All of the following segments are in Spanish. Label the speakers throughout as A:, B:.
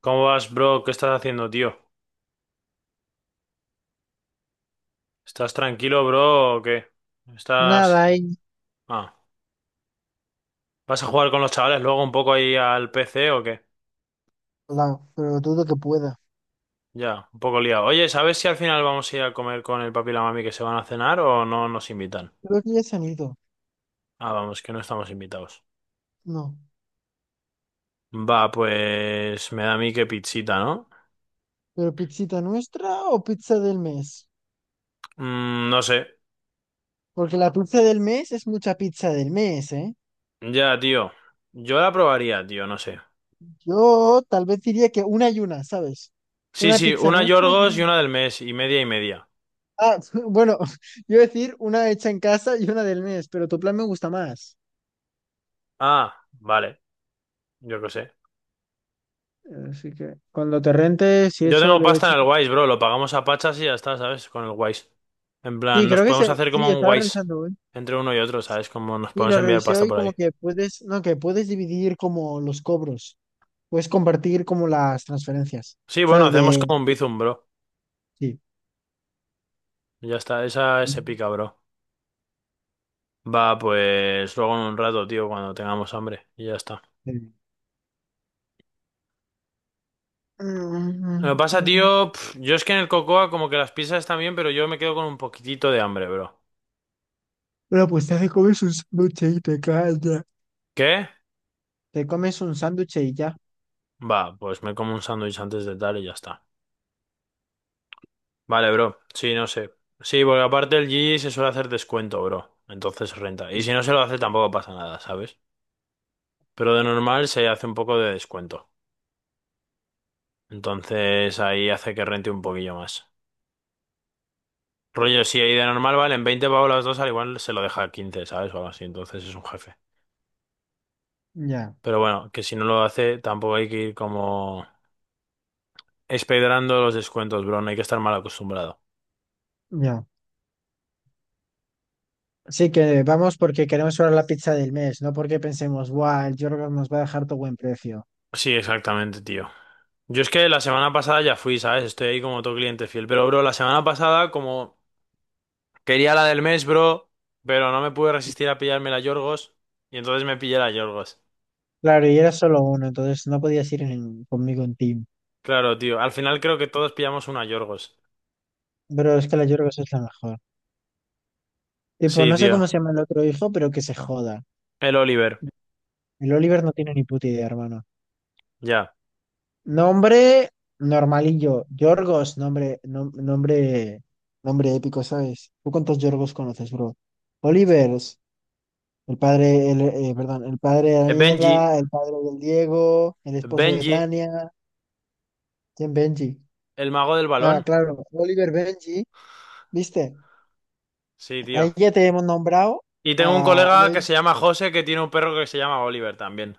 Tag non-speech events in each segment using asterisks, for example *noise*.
A: ¿Cómo vas, bro? ¿Qué estás haciendo, tío? ¿Estás tranquilo, bro, o qué? ¿Estás...
B: Nada hay ni
A: Ah, ¿vas a jugar con los chavales luego un poco ahí al PC o qué?
B: pero dudo que pueda.
A: Ya, un poco liado. Oye, ¿sabes si al final vamos a ir a comer con el papi y la mami que se van a cenar o no nos invitan?
B: Creo que ya se han ido.
A: Ah, vamos, que no estamos invitados.
B: No.
A: Va, pues me da a mí que pizzita, ¿no?
B: ¿Pero pizzita nuestra o pizza del mes?
A: Mm, no sé.
B: Porque la pizza del mes es mucha pizza del mes, ¿eh?
A: Ya, tío. Yo la probaría, tío, no sé.
B: Yo tal vez diría que una y una, ¿sabes?
A: Sí,
B: Una
A: sí,
B: pizza
A: una
B: nuestra y
A: Yorgos
B: una...
A: y una del mes, y media y media.
B: Ah, *laughs* bueno, *laughs* yo decir una hecha en casa y una del mes, pero tu plan me gusta más.
A: Ah, vale, yo qué sé.
B: Así que cuando te rentes y
A: Yo
B: eso
A: tengo
B: le
A: pasta
B: echas...
A: en el Wise, bro. Lo pagamos a pachas y ya está, ¿sabes? Con el Wise. En plan,
B: Sí,
A: nos
B: creo que
A: podemos
B: se...
A: hacer
B: Sí,
A: como un
B: estaba
A: Wise
B: revisando hoy.
A: entre uno y otro, ¿sabes? Como nos
B: Sí,
A: podemos
B: lo
A: enviar
B: revisé
A: pasta
B: hoy
A: por
B: como
A: ahí.
B: que puedes... No, que puedes dividir como los cobros. Puedes compartir como las transferencias,
A: Sí, bueno,
B: ¿sabes?
A: hacemos
B: De...
A: como un Bizum, bro.
B: Sí.
A: Ya está, esa es épica, bro. Va, pues luego en un rato, tío, cuando tengamos hambre. Y ya está.
B: de-
A: Lo que
B: Mm,
A: pasa,
B: mm.
A: tío, yo es que en el Cocoa como que las pizzas están bien, pero yo me quedo con un poquitito de hambre, bro.
B: Bueno, pues te comes un sándwich y te callas.
A: ¿Qué?
B: Te comes un sándwich y ya.
A: Va, pues me como un sándwich antes de tal y ya está. Vale, bro. Sí, no sé. Sí, porque aparte el GG se suele hacer descuento, bro. Entonces renta. Y
B: Sí.
A: si no se lo hace tampoco pasa nada, ¿sabes? Pero de normal se hace un poco de descuento. Entonces ahí hace que rente un poquillo más. Rollo, si ahí de normal valen 20 pavos las dos, al igual se lo deja a 15, ¿sabes? O algo así. Entonces es un jefe.
B: Ya,
A: Pero bueno, que si no lo hace, tampoco hay que ir como espedrando los descuentos, bro. No hay que estar mal acostumbrado.
B: ya. Sí que vamos porque queremos probar la pizza del mes, no porque pensemos, guau, el Jorgos nos va a dejar todo buen precio.
A: Sí, exactamente, tío. Yo es que la semana pasada ya fui, ¿sabes? Estoy ahí como todo cliente fiel. Pero, bro, la semana pasada, como Quería la del mes, bro, pero no me pude resistir a pillarme la Yorgos y entonces me pillé la Yorgos.
B: Claro, y era solo uno, entonces no podías ir conmigo en team.
A: Claro, tío. Al final creo que todos pillamos una Yorgos.
B: Pero es que la Yorgos es la mejor. Tipo,
A: Sí,
B: no sé
A: tío.
B: cómo se llama el otro hijo, pero que se joda.
A: El Oliver.
B: El Oliver no tiene ni puta idea, hermano.
A: Ya.
B: Nombre normalillo. Yorgos, nombre, nombre, nombre épico, ¿sabes? ¿Tú cuántos Yorgos conoces, bro? Olivers, el padre, perdón, el padre de
A: Benji.
B: Daniela, el padre del Diego, el esposo de
A: Benji.
B: Tania, ¿quién Benji?
A: El mago del
B: Ah,
A: balón.
B: claro, Oliver Benji, ¿viste?
A: Sí, tío.
B: Ahí ya te hemos nombrado.
A: Y tengo un
B: Ah,
A: colega que
B: ya-
A: se llama José que tiene un perro que se llama Oliver también.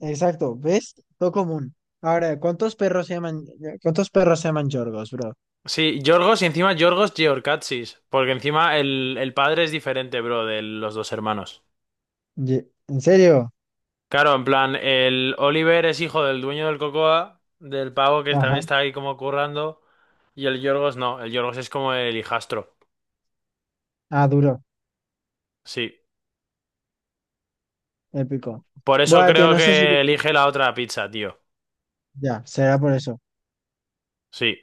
B: exacto, ¿ves? Todo común. Ahora, ¿cuántos perros se llaman Yorgos, bro?
A: Sí, Yorgos y encima Yorgos Georgatsis. Porque encima el padre es diferente, bro, de los dos hermanos.
B: ¿En serio?
A: Claro, en plan, el Oliver es hijo del dueño del Cocoa, del pavo que también
B: Ajá.
A: está ahí como currando, y el Yorgos no, el Yorgos es como el hijastro.
B: Ah, duro.
A: Sí.
B: Épico.
A: Por eso
B: Bueno, tío,
A: creo
B: no sé si te...
A: que elige la otra pizza, tío.
B: Ya, será por eso.
A: Sí.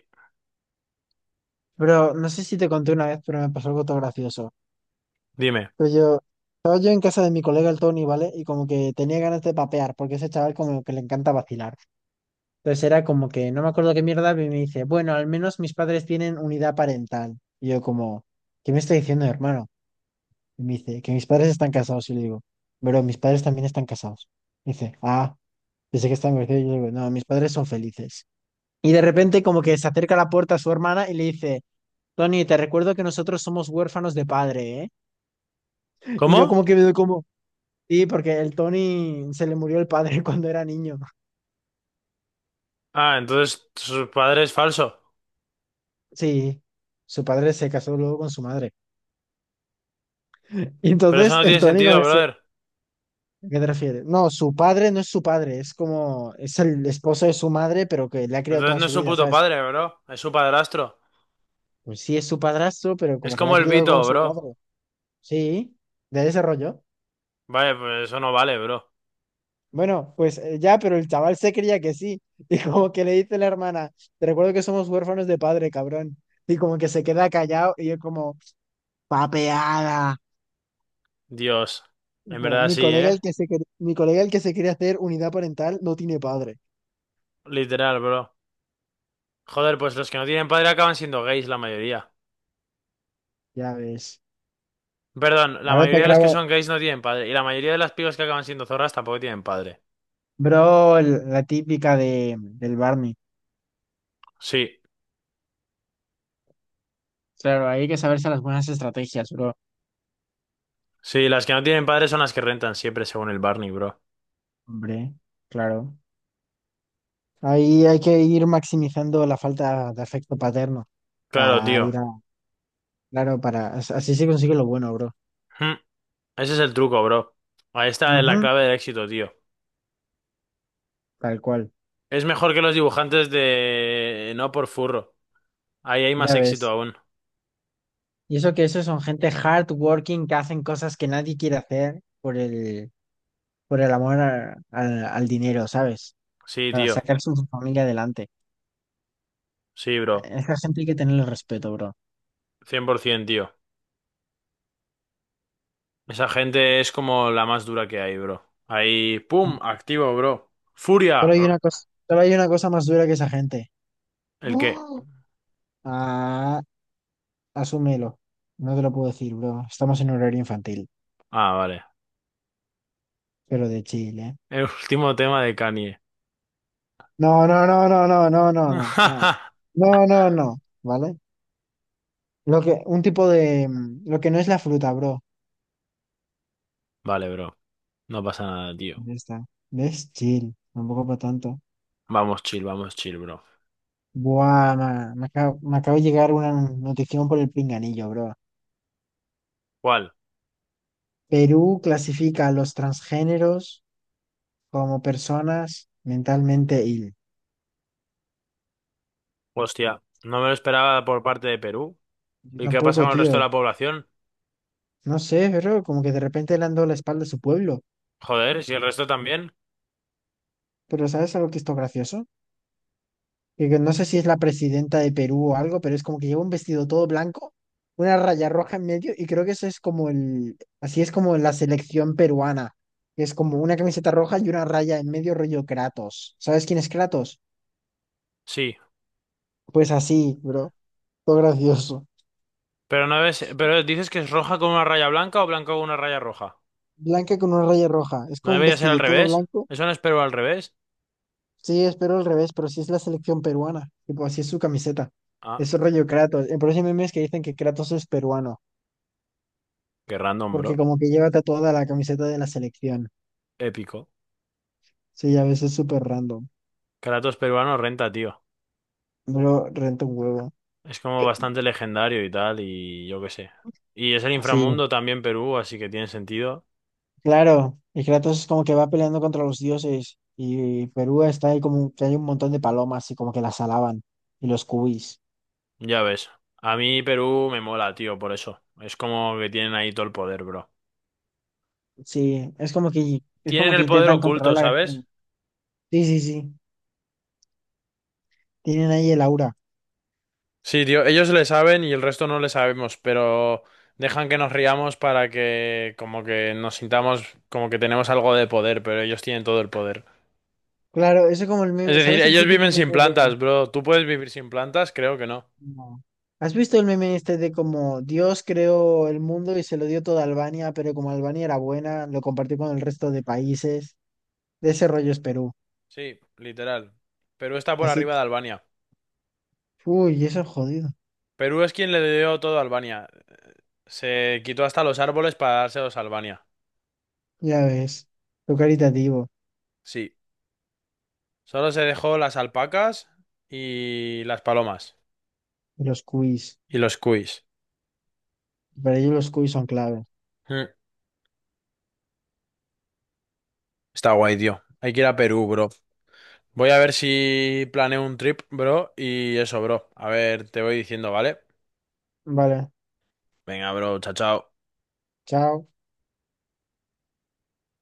B: Pero no sé si te conté una vez, pero me pasó algo todo gracioso.
A: Dime.
B: Pero yo, estaba yo en casa de mi colega el Tony, ¿vale? Y como que tenía ganas de papear, porque ese chaval como que le encanta vacilar. Entonces era como que, no me acuerdo qué mierda, y me dice, bueno, al menos mis padres tienen unidad parental. Y yo como, ¿qué me está diciendo, hermano? Y me dice, que mis padres están casados. Y le digo, pero mis padres también están casados. Y dice, ah, pensé que están divorciados. Y yo le digo, no, mis padres son felices. Y de repente como que se acerca a la puerta a su hermana y le dice, Tony, te recuerdo que nosotros somos huérfanos de padre, ¿eh? Y yo
A: ¿Cómo?
B: como que veo como, sí, porque el Tony se le murió el padre *laughs* cuando era niño.
A: Ah, entonces su padre es falso.
B: Sí, su padre se casó luego con su madre. Y
A: Pero eso
B: entonces
A: no tiene
B: el Tony como
A: sentido,
B: ese,
A: brother.
B: ¿a qué te refieres? No, su padre no es su padre, es como, es el esposo de su madre, pero que le ha criado
A: Entonces
B: toda
A: no es
B: su
A: su
B: vida,
A: puto
B: ¿sabes?
A: padre, bro. Es su padrastro.
B: Pues sí es su padrastro, pero
A: Es
B: como que le ha
A: como el
B: criado como
A: Vito,
B: su
A: bro.
B: padre. Sí, de ese rollo.
A: Vale, pues eso no vale, bro.
B: Bueno, pues ya, pero el chaval se creía que sí. *laughs* Y como que le dice la hermana, te recuerdo que somos huérfanos de padre, cabrón. Y como que se queda callado y yo como, papeada.
A: Dios.
B: Y
A: En
B: como,
A: verdad
B: mi
A: sí,
B: colega
A: ¿eh?
B: el que se, mi colega el que se quiere hacer unidad parental no tiene padre.
A: Literal, bro. Joder, pues los que no tienen padre acaban siendo gays, la mayoría.
B: Ya ves.
A: Perdón, la
B: Ahora te
A: mayoría de los que
B: grabo.
A: son gays no tienen padre. Y la mayoría de las pibas que acaban siendo zorras tampoco tienen padre.
B: Bro, la típica de, del Barney.
A: Sí,
B: Claro, hay que saberse las buenas estrategias, bro.
A: sí, las que no tienen padre son las que rentan siempre, según el Barney, bro.
B: Hombre, claro. Ahí hay que ir maximizando la falta de afecto paterno
A: Claro,
B: para
A: tío.
B: ir a claro, para, así se consigue lo bueno, bro.
A: Hmm, Ese es el truco, bro. Ahí está la
B: Ujú,
A: clave del éxito, tío.
B: tal cual,
A: Es mejor que los dibujantes de. No por furro. Ahí hay más
B: ya
A: éxito
B: ves.
A: aún.
B: Y eso que esos son gente hardworking que hacen cosas que nadie quiere hacer por el amor al dinero, ¿sabes?
A: Sí,
B: Para
A: tío.
B: sacar su familia adelante.
A: Sí,
B: A
A: bro.
B: esa gente hay que tenerle respeto, bro.
A: 100%, tío. Esa gente es como la más dura que hay, bro. Ahí, pum, activo, bro. Furia.
B: Solo hay una cosa más dura que esa gente.
A: ¿El qué?
B: No. Ah, asúmelo. No te lo puedo decir, bro. Estamos en horario infantil,
A: Ah, vale.
B: pero de Chile.
A: El último tema de Kanye.
B: No, no, no, no, no, no, no, no, no,
A: *laughs*
B: no, no, no, ¿vale? Lo que, un tipo de, lo que no es la fruta, bro.
A: Vale, bro. No pasa nada, tío.
B: Ya está. Es chill, tampoco para tanto.
A: Vamos chill, bro.
B: Buah, me acaba de llegar una notificación por el pinganillo, bro.
A: ¿Cuál?
B: Perú clasifica a los transgéneros como personas mentalmente ill.
A: Hostia, no me lo esperaba por parte de Perú.
B: Yo
A: ¿Y qué pasa
B: tampoco,
A: con el resto de
B: tío.
A: la población?
B: No sé, pero como que de repente le han dado la espalda a su pueblo.
A: Joder, si el resto también.
B: Pero ¿sabes algo que es gracioso? Que no sé si es la presidenta de Perú o algo, pero es como que lleva un vestido todo blanco, una raya roja en medio, y creo que eso es como el, así es como la selección peruana, que es como una camiseta roja y una raya en medio rollo Kratos. ¿Sabes quién es Kratos?
A: Sí.
B: Pues así, bro, todo gracioso.
A: Pero no ves, pero dices que es roja con una raya blanca o blanca con una raya roja.
B: Blanca con una raya roja, es
A: ¿No
B: como un
A: debería ser al
B: vestido todo
A: revés?
B: blanco.
A: ¿Eso no es Perú al revés?
B: Sí, espero al revés, pero sí es la selección peruana, tipo así es su camiseta.
A: Ah,
B: Es rollo Kratos. El próximo mes que dicen que Kratos es peruano,
A: qué random,
B: porque
A: bro.
B: como que lleva tatuada la camiseta de la selección.
A: Épico.
B: Sí, a veces súper random.
A: Kratos peruano renta, tío.
B: Pero renta un huevo.
A: Es como bastante legendario y tal, y yo qué sé. Y es el
B: Sí,
A: inframundo también Perú, así que tiene sentido.
B: claro. Y Kratos como que va peleando contra los dioses. Y Perú está ahí como que hay un montón de palomas y como que las alaban. Y los cubis.
A: Ya ves. A mí Perú me mola, tío, por eso. Es como que tienen ahí todo el poder, bro.
B: Sí, es
A: Tienen
B: como que
A: el poder
B: intentan controlar
A: oculto,
B: la...
A: ¿sabes?
B: Sí, sí, sí. Tienen ahí el aura.
A: Sí, tío, ellos le saben y el resto no le sabemos, pero dejan que nos riamos para que como que nos sintamos como que tenemos algo de poder, pero ellos tienen todo el poder.
B: Claro, eso es como el
A: Es
B: meme.
A: decir,
B: ¿Sabes el
A: ellos
B: típico
A: viven sin
B: meme de...
A: plantas, bro. ¿Tú puedes vivir sin plantas? Creo que no.
B: No. ¿Has visto el meme este de como Dios creó el mundo y se lo dio toda Albania, pero como Albania era buena, lo compartió con el resto de países? De ese rollo es Perú.
A: Sí, literal. Perú está por
B: Así
A: arriba
B: que,
A: de Albania.
B: uy, eso es jodido.
A: Perú es quien le dio todo a Albania. Se quitó hasta los árboles para dárselos a Albania.
B: Ya ves. Lo caritativo.
A: Sí. Solo se dejó las alpacas y las palomas.
B: Y los quiz.
A: Y los cuis.
B: Para ellos los quiz son clave.
A: Mm. Está guay, tío. Hay que ir a Perú, bro. Voy a ver si planeo un trip, bro. Y eso, bro. A ver, te voy diciendo, ¿vale?
B: Vale.
A: Venga, bro. Chao, chao.
B: Chao.